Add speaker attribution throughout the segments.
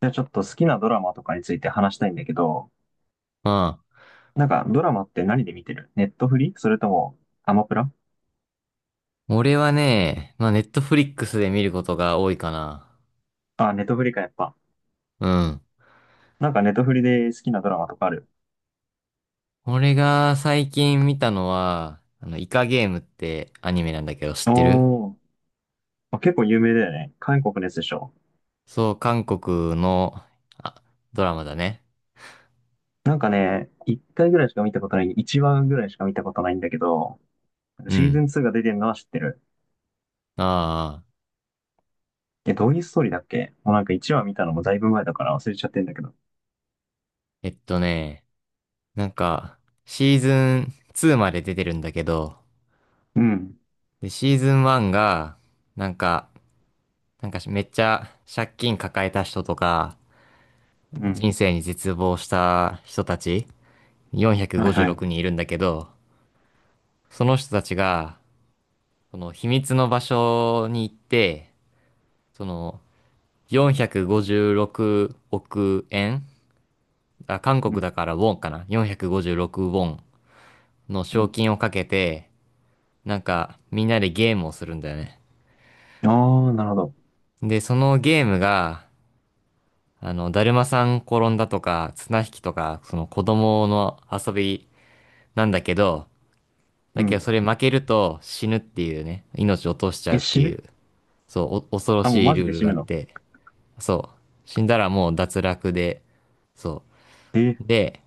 Speaker 1: じゃあちょっと好きなドラマとかについて話したいんだけど、
Speaker 2: あ
Speaker 1: なんかドラマって何で見てる？ネットフリそれともアマプラ？
Speaker 2: あ、俺はね、まあ、ネットフリックスで見ることが多いかな。
Speaker 1: あ、ネットフリかやっぱ。
Speaker 2: うん。
Speaker 1: なんかネットフリで好きなドラマとかある？
Speaker 2: 俺が最近見たのは、イカゲームってアニメなんだけど知ってる？
Speaker 1: おー、あ結構有名だよね。韓国のやつでしょ。
Speaker 2: そう、韓国の、あ、ドラマだね。
Speaker 1: なんかね、1話ぐらいしか見たことないんだけど、
Speaker 2: う
Speaker 1: シーズ
Speaker 2: ん。
Speaker 1: ン2が出てるのは知ってる。
Speaker 2: ああ、
Speaker 1: え、どういうストーリーだっけ？もうなんか1話見たのもだいぶ前だから忘れちゃってんだけど。
Speaker 2: えっとね、なんか、シーズン2まで出てるんだけど、
Speaker 1: うん。
Speaker 2: で、シーズン1が、なんか、なんかめっちゃ借金抱えた人とか、
Speaker 1: うん。
Speaker 2: 人生に絶望した人たち
Speaker 1: はい
Speaker 2: 456
Speaker 1: はい。
Speaker 2: 人いるんだけど、その人たちが、その秘密の場所に行って、その456億円、あ、韓
Speaker 1: う
Speaker 2: 国
Speaker 1: ん。
Speaker 2: だからウォンかな？ 456 ウォンの
Speaker 1: う
Speaker 2: 賞
Speaker 1: ん。
Speaker 2: 金をかけて、なんかみんなでゲームをするんだよね。
Speaker 1: あー、なるほど。
Speaker 2: で、そのゲームが、だるまさん転んだとか、綱引きとか、その子供の遊びなんだけど、
Speaker 1: う
Speaker 2: だけど
Speaker 1: ん。
Speaker 2: それ負けると死ぬっていうね、命を落としちゃ
Speaker 1: え、
Speaker 2: うって
Speaker 1: 死
Speaker 2: い
Speaker 1: ぬ？
Speaker 2: う。そう、お恐ろ
Speaker 1: あ、もう
Speaker 2: しい
Speaker 1: マジ
Speaker 2: ルー
Speaker 1: で
Speaker 2: ル
Speaker 1: 死
Speaker 2: があ
Speaker 1: ぬ
Speaker 2: っ
Speaker 1: の？
Speaker 2: て、そう、死んだらもう脱落で、そ
Speaker 1: えー、
Speaker 2: う。で、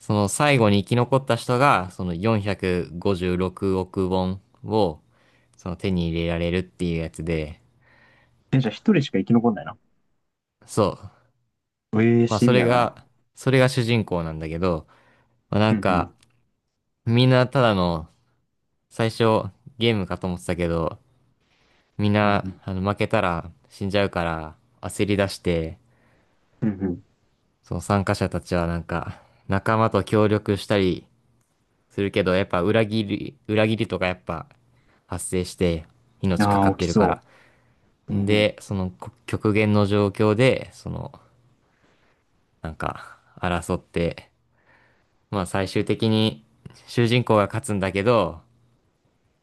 Speaker 2: その最後に生き残った人が、その456億ウォンを、その手に入れられるっていうやつで、
Speaker 1: え、じゃあ一人しか生き残んないな。
Speaker 2: そう。
Speaker 1: ええ、
Speaker 2: まあ
Speaker 1: シ
Speaker 2: そ
Speaker 1: ビ
Speaker 2: れ
Speaker 1: アだな。
Speaker 2: が、それが主人公なんだけど、まあな
Speaker 1: うん
Speaker 2: ん
Speaker 1: うん。
Speaker 2: か、みんなただの、最初ゲームかと思ってたけど、みん
Speaker 1: うん
Speaker 2: な、
Speaker 1: うん。
Speaker 2: 負けたら死んじゃうから、焦り出して、
Speaker 1: うん
Speaker 2: その参加者たちはなんか、仲間と協力したりするけど、やっぱ裏切りとかやっぱ発生して、
Speaker 1: うん。
Speaker 2: 命か
Speaker 1: あ
Speaker 2: かっ
Speaker 1: あ、
Speaker 2: て
Speaker 1: 起き
Speaker 2: るか
Speaker 1: そ
Speaker 2: ら。
Speaker 1: う。うん
Speaker 2: で、その極限の状況で、その、なんか、争って、まあ最終的に主人公が勝つんだけど、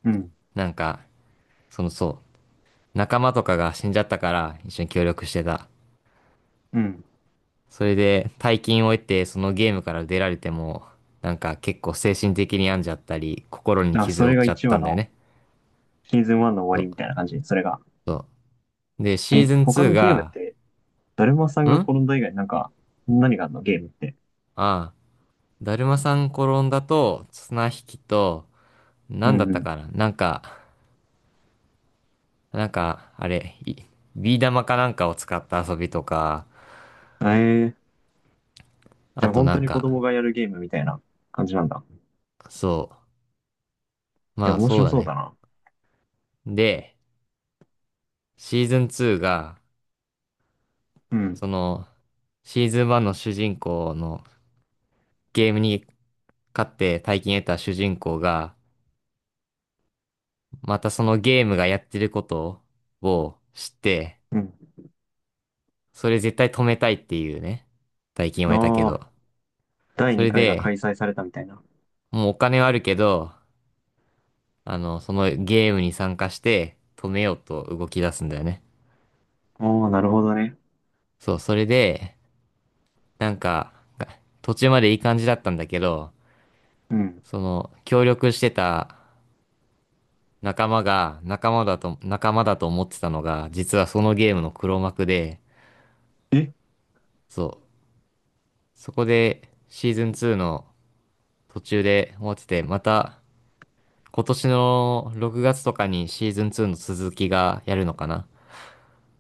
Speaker 1: うん。うん。
Speaker 2: なんか、そう、仲間とかが死んじゃったから一緒に協力してた。
Speaker 1: うん。
Speaker 2: それで大金を得てそのゲームから出られても、なんか結構精神的に病んじゃったり、心に
Speaker 1: あ、そ
Speaker 2: 傷を負
Speaker 1: れ
Speaker 2: っ
Speaker 1: が
Speaker 2: ちゃっ
Speaker 1: 1
Speaker 2: た
Speaker 1: 話
Speaker 2: んだよ
Speaker 1: の
Speaker 2: ね。
Speaker 1: シーズン1の
Speaker 2: そ
Speaker 1: 終わり
Speaker 2: う
Speaker 1: みたいな感じ、それが。
Speaker 2: そう。で、シ
Speaker 1: え、
Speaker 2: ーズン
Speaker 1: 他
Speaker 2: 2
Speaker 1: のゲームっ
Speaker 2: が、
Speaker 1: て、だるまさん
Speaker 2: ん
Speaker 1: が
Speaker 2: あ
Speaker 1: 転んだ以外なんか、何があるのゲームって？
Speaker 2: あ、だるまさん転んだと、綱引きと、
Speaker 1: う
Speaker 2: なんだっ
Speaker 1: ん
Speaker 2: た
Speaker 1: う
Speaker 2: かな、なんか、あれ、ビー玉かなんかを使った遊びとか、
Speaker 1: ん。ええ、じ
Speaker 2: あ
Speaker 1: ゃあ
Speaker 2: と
Speaker 1: 本
Speaker 2: な
Speaker 1: 当
Speaker 2: ん
Speaker 1: に子
Speaker 2: か、
Speaker 1: 供がやるゲームみたいな感じなんだ。
Speaker 2: そう、
Speaker 1: え、
Speaker 2: まあ
Speaker 1: 面
Speaker 2: そう
Speaker 1: 白
Speaker 2: だ
Speaker 1: そう
Speaker 2: ね。
Speaker 1: だな。
Speaker 2: で、シーズン2が、
Speaker 1: うん。
Speaker 2: その、シーズン1の主人公のゲームに勝って大金得た主人公が、またそのゲームがやってることを知って、
Speaker 1: うん。
Speaker 2: それ絶対止めたいっていうね、大金を得たけ
Speaker 1: ああ、
Speaker 2: ど。
Speaker 1: 第
Speaker 2: それ
Speaker 1: 2回が
Speaker 2: で、
Speaker 1: 開催されたみたいな。
Speaker 2: もうお金はあるけど、そのゲームに参加して止めようと動き出すんだよね。
Speaker 1: ああ、なるほどね。
Speaker 2: そう、それで、なんか、途中までいい感じだったんだけど、
Speaker 1: うん。
Speaker 2: その、協力してた仲間だと思ってたのが、実はそのゲームの黒幕で、
Speaker 1: え、
Speaker 2: そう、そこでシーズン2の途中で終わってて、また今年の6月とかにシーズン2の続きがやるのかな。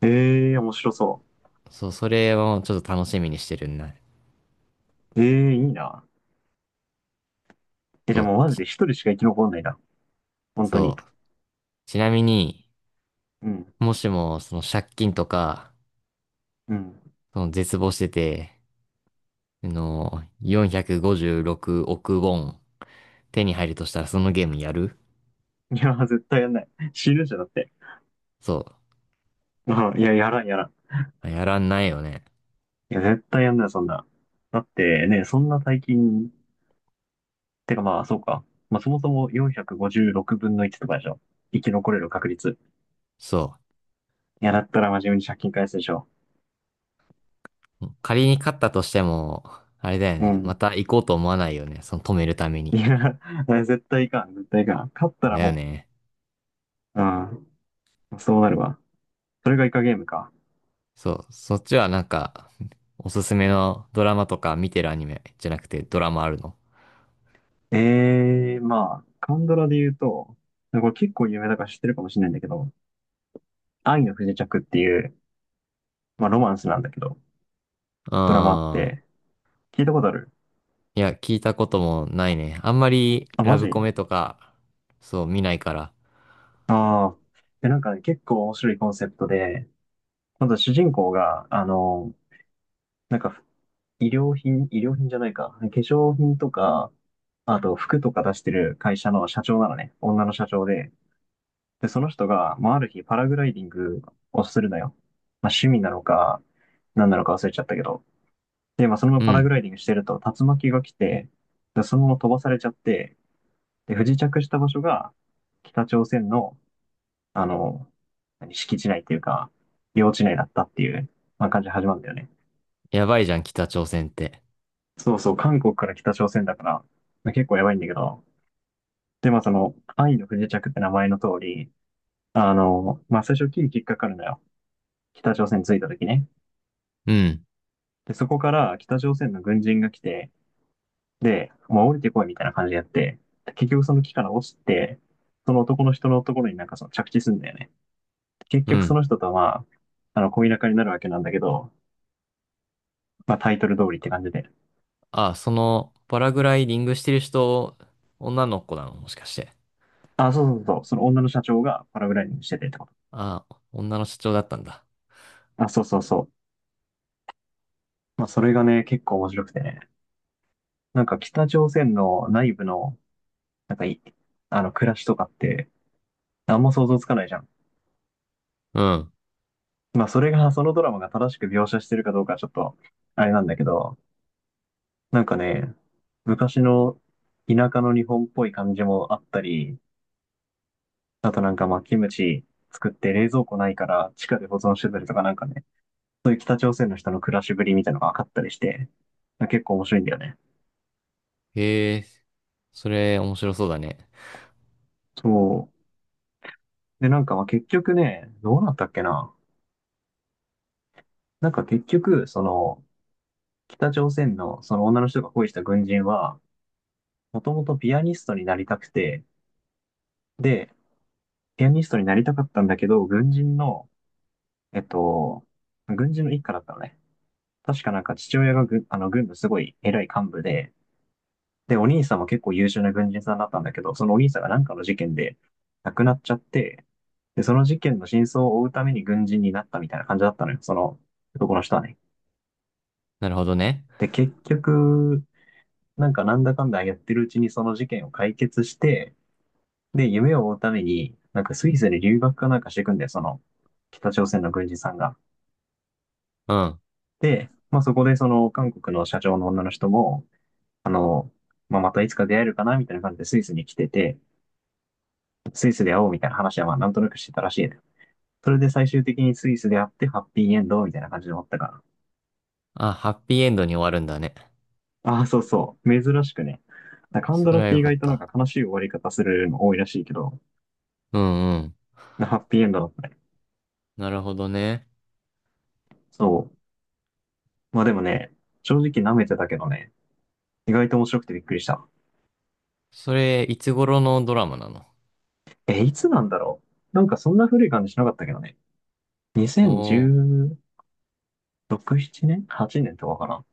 Speaker 1: ええ、面白そう。
Speaker 2: そう、それをちょっと楽しみにしてるんだ。
Speaker 1: ええいいな。え、じゃ
Speaker 2: そ
Speaker 1: あ
Speaker 2: う、
Speaker 1: もうマジで一人しか生き残んないな。本当に。
Speaker 2: そう。ちなみに、
Speaker 1: うん。
Speaker 2: もしもその借金とか、
Speaker 1: うん。
Speaker 2: その絶望してて、456億ウォン手に入るとしたらそのゲームやる？
Speaker 1: いや、絶対やんない。死ぬじゃんだって。
Speaker 2: そ
Speaker 1: うん。いや、やらん、やらん。
Speaker 2: う。やらんないよね。
Speaker 1: いや、絶対やんない、そんな。だってね、そんな大金、てかまあ、そうか。まあ、そもそも456分の1とかでしょ。生き残れる確率。
Speaker 2: そう。
Speaker 1: いや、だったら真面目に借金返すでしょ。
Speaker 2: 仮に勝ったとしても、あれだよ
Speaker 1: う
Speaker 2: ね。
Speaker 1: ん。
Speaker 2: また行こうと思わないよね。その止めるため
Speaker 1: い
Speaker 2: に。
Speaker 1: や、絶対いかん、絶対いかん。勝ったら
Speaker 2: だよ
Speaker 1: も
Speaker 2: ね。
Speaker 1: う、うん。そうなるわ。それがイカゲームか。
Speaker 2: そう。そっちはなんか、おすすめのドラマとか見てるアニメじゃなくてドラマあるの？
Speaker 1: ええまあ、韓ドラで言うと、これ結構有名だから知ってるかもしれないんだけど、愛の不時着っていう、まあロマンスなんだけど、ドラマあっ
Speaker 2: ああ、
Speaker 1: て、聞いたことある？
Speaker 2: いや、聞いたこともないね。あんまり
Speaker 1: あ、
Speaker 2: ラ
Speaker 1: マ
Speaker 2: ブ
Speaker 1: ジ？
Speaker 2: コメとか、そう、見ないから。
Speaker 1: ああ、で、なんかね、結構面白いコンセプトで、まず主人公が、なんか、医療品、医療品じゃないか、化粧品とか、あと服とか出してる会社の社長なのね、女の社長で、で、その人が、まあ、ある日パラグライディングをするのよ。まあ、趣味なのか、何なのか忘れちゃったけど。で、まあ、そのま
Speaker 2: う
Speaker 1: まパラグ
Speaker 2: ん。
Speaker 1: ライディングしてると、竜巻が来て、で、そのまま飛ばされちゃって、で、不時着した場所が、北朝鮮の、あの、何敷地内っていうか、領地内だったっていう、まあ、感じで始まるんだよね。
Speaker 2: やばいじゃん、北朝鮮って。
Speaker 1: そうそう、韓国から北朝鮮だから、まあ、結構やばいんだけど、で、まあ、その、愛の不時着って名前の通り、まあ、最初、キリキリかかるのよ。北朝鮮に着いた時ね。
Speaker 2: うん。
Speaker 1: で、そこから北朝鮮の軍人が来て、で、もう降りてこいみたいな感じでやって、で結局その木から落ちて、その男の人のところになんかその着地するんだよね。結
Speaker 2: う
Speaker 1: 局そ
Speaker 2: ん。
Speaker 1: の人とはまあ、恋仲になるわけなんだけど、まあタイトル通りって感じで。
Speaker 2: あ、その、パラグライディングしてる人、女の子なのもしかして？
Speaker 1: あ、そうそうそう、その女の社長がパラグライディングしててってこ
Speaker 2: あ、女の社長だったんだ。
Speaker 1: と。あ、そうそうそう。まあそれがね、結構面白くてね。なんか北朝鮮の内部の、なんかいあの、暮らしとかって、あんま想像つかないじゃん。
Speaker 2: うん。
Speaker 1: まあ、それが、そのドラマが正しく描写してるかどうかはちょっと、あれなんだけど、なんかね、昔の田舎の日本っぽい感じもあったり、あとなんかまあ、キムチ作って冷蔵庫ないから地下で保存してたりとかなんかね、そういう北朝鮮の人の暮らしぶりみたいなのが分かったりして、結構面白いんだよね。
Speaker 2: へえ、それ面白そうだね。
Speaker 1: そう。で、なんかまあ結局ね、どうなったっけな。なんか結局、その、北朝鮮のその女の人が恋した軍人は、もともとピアニストになりたくて、で、ピアニストになりたかったんだけど、えっと、軍人の一家だったのね。確かなんか父親が軍のすごい偉い幹部で、で、お兄さんも結構優秀な軍人さんだったんだけど、そのお兄さんがなんかの事件で亡くなっちゃって、で、その事件の真相を追うために軍人になったみたいな感じだったのよ、その男の人はね。
Speaker 2: なるほどね。
Speaker 1: で、結局、なんかなんだかんだやってるうちにその事件を解決して、で、夢を追うために、なんかスイスに留学かなんかしていくんだよ、その北朝鮮の軍人さんが。
Speaker 2: うん。
Speaker 1: で、まあそこでその韓国の社長の女の人も、あの、まあまたいつか出会えるかなみたいな感じでスイスに来てて、スイスで会おうみたいな話はまあなんとなくしてたらしいね。それで最終的にスイスで会ってハッピーエンドみたいな感じで終わったか
Speaker 2: あ、ハッピーエンドに終わるんだね。
Speaker 1: ら。ああ、そうそう。珍しくね。カン
Speaker 2: そ
Speaker 1: ド
Speaker 2: れ
Speaker 1: ラっ
Speaker 2: は
Speaker 1: て
Speaker 2: よ
Speaker 1: 意
Speaker 2: かっ
Speaker 1: 外となん
Speaker 2: た。
Speaker 1: か悲しい終わり方するの多いらしいけど、
Speaker 2: うんうん。
Speaker 1: ハッピーエンドだったね。
Speaker 2: なるほどね。
Speaker 1: そう。まあでもね、正直舐めてたけどね、意外と面白くてびっくりした。
Speaker 2: それ、いつ頃のドラマなの？
Speaker 1: え、いつなんだろう？なんかそんな古い感じしなかったけどね。
Speaker 2: おお
Speaker 1: 2010、6、7年？ 8 年とかかな。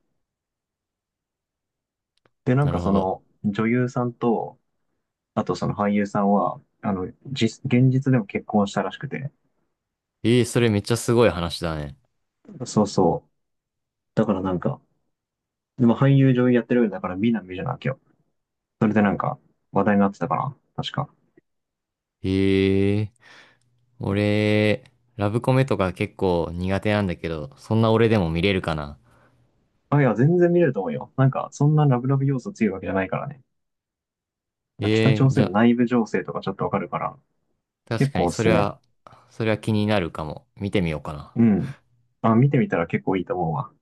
Speaker 1: で、な
Speaker 2: ー、
Speaker 1: ん
Speaker 2: なる
Speaker 1: か
Speaker 2: ほ
Speaker 1: そ
Speaker 2: ど。
Speaker 1: の女優さんと、あとその俳優さんは、現実でも結婚したらしくて。
Speaker 2: えー、それめっちゃすごい話だね。
Speaker 1: そうそう。だからなんか、でも俳優女優やってるよりだから美男美女なわけよ。それでなんか話題になってたかな。確か。
Speaker 2: ええ、俺、ラブコメとか結構苦手なんだけど、そんな俺でも見れるかな？
Speaker 1: あ、いや、全然見れると思うよ。なんか、そんなラブラブ要素強いわけじゃないからね。北
Speaker 2: ええ、
Speaker 1: 朝
Speaker 2: じ
Speaker 1: 鮮
Speaker 2: ゃ
Speaker 1: の
Speaker 2: あ、
Speaker 1: 内部情勢とかちょっとわかるから、
Speaker 2: 確
Speaker 1: 結
Speaker 2: か
Speaker 1: 構
Speaker 2: に
Speaker 1: おす
Speaker 2: そ
Speaker 1: す
Speaker 2: れ
Speaker 1: め。
Speaker 2: は、それは気になるかも。見てみようかな。
Speaker 1: うん。あ、見てみたら結構いいと思うわ。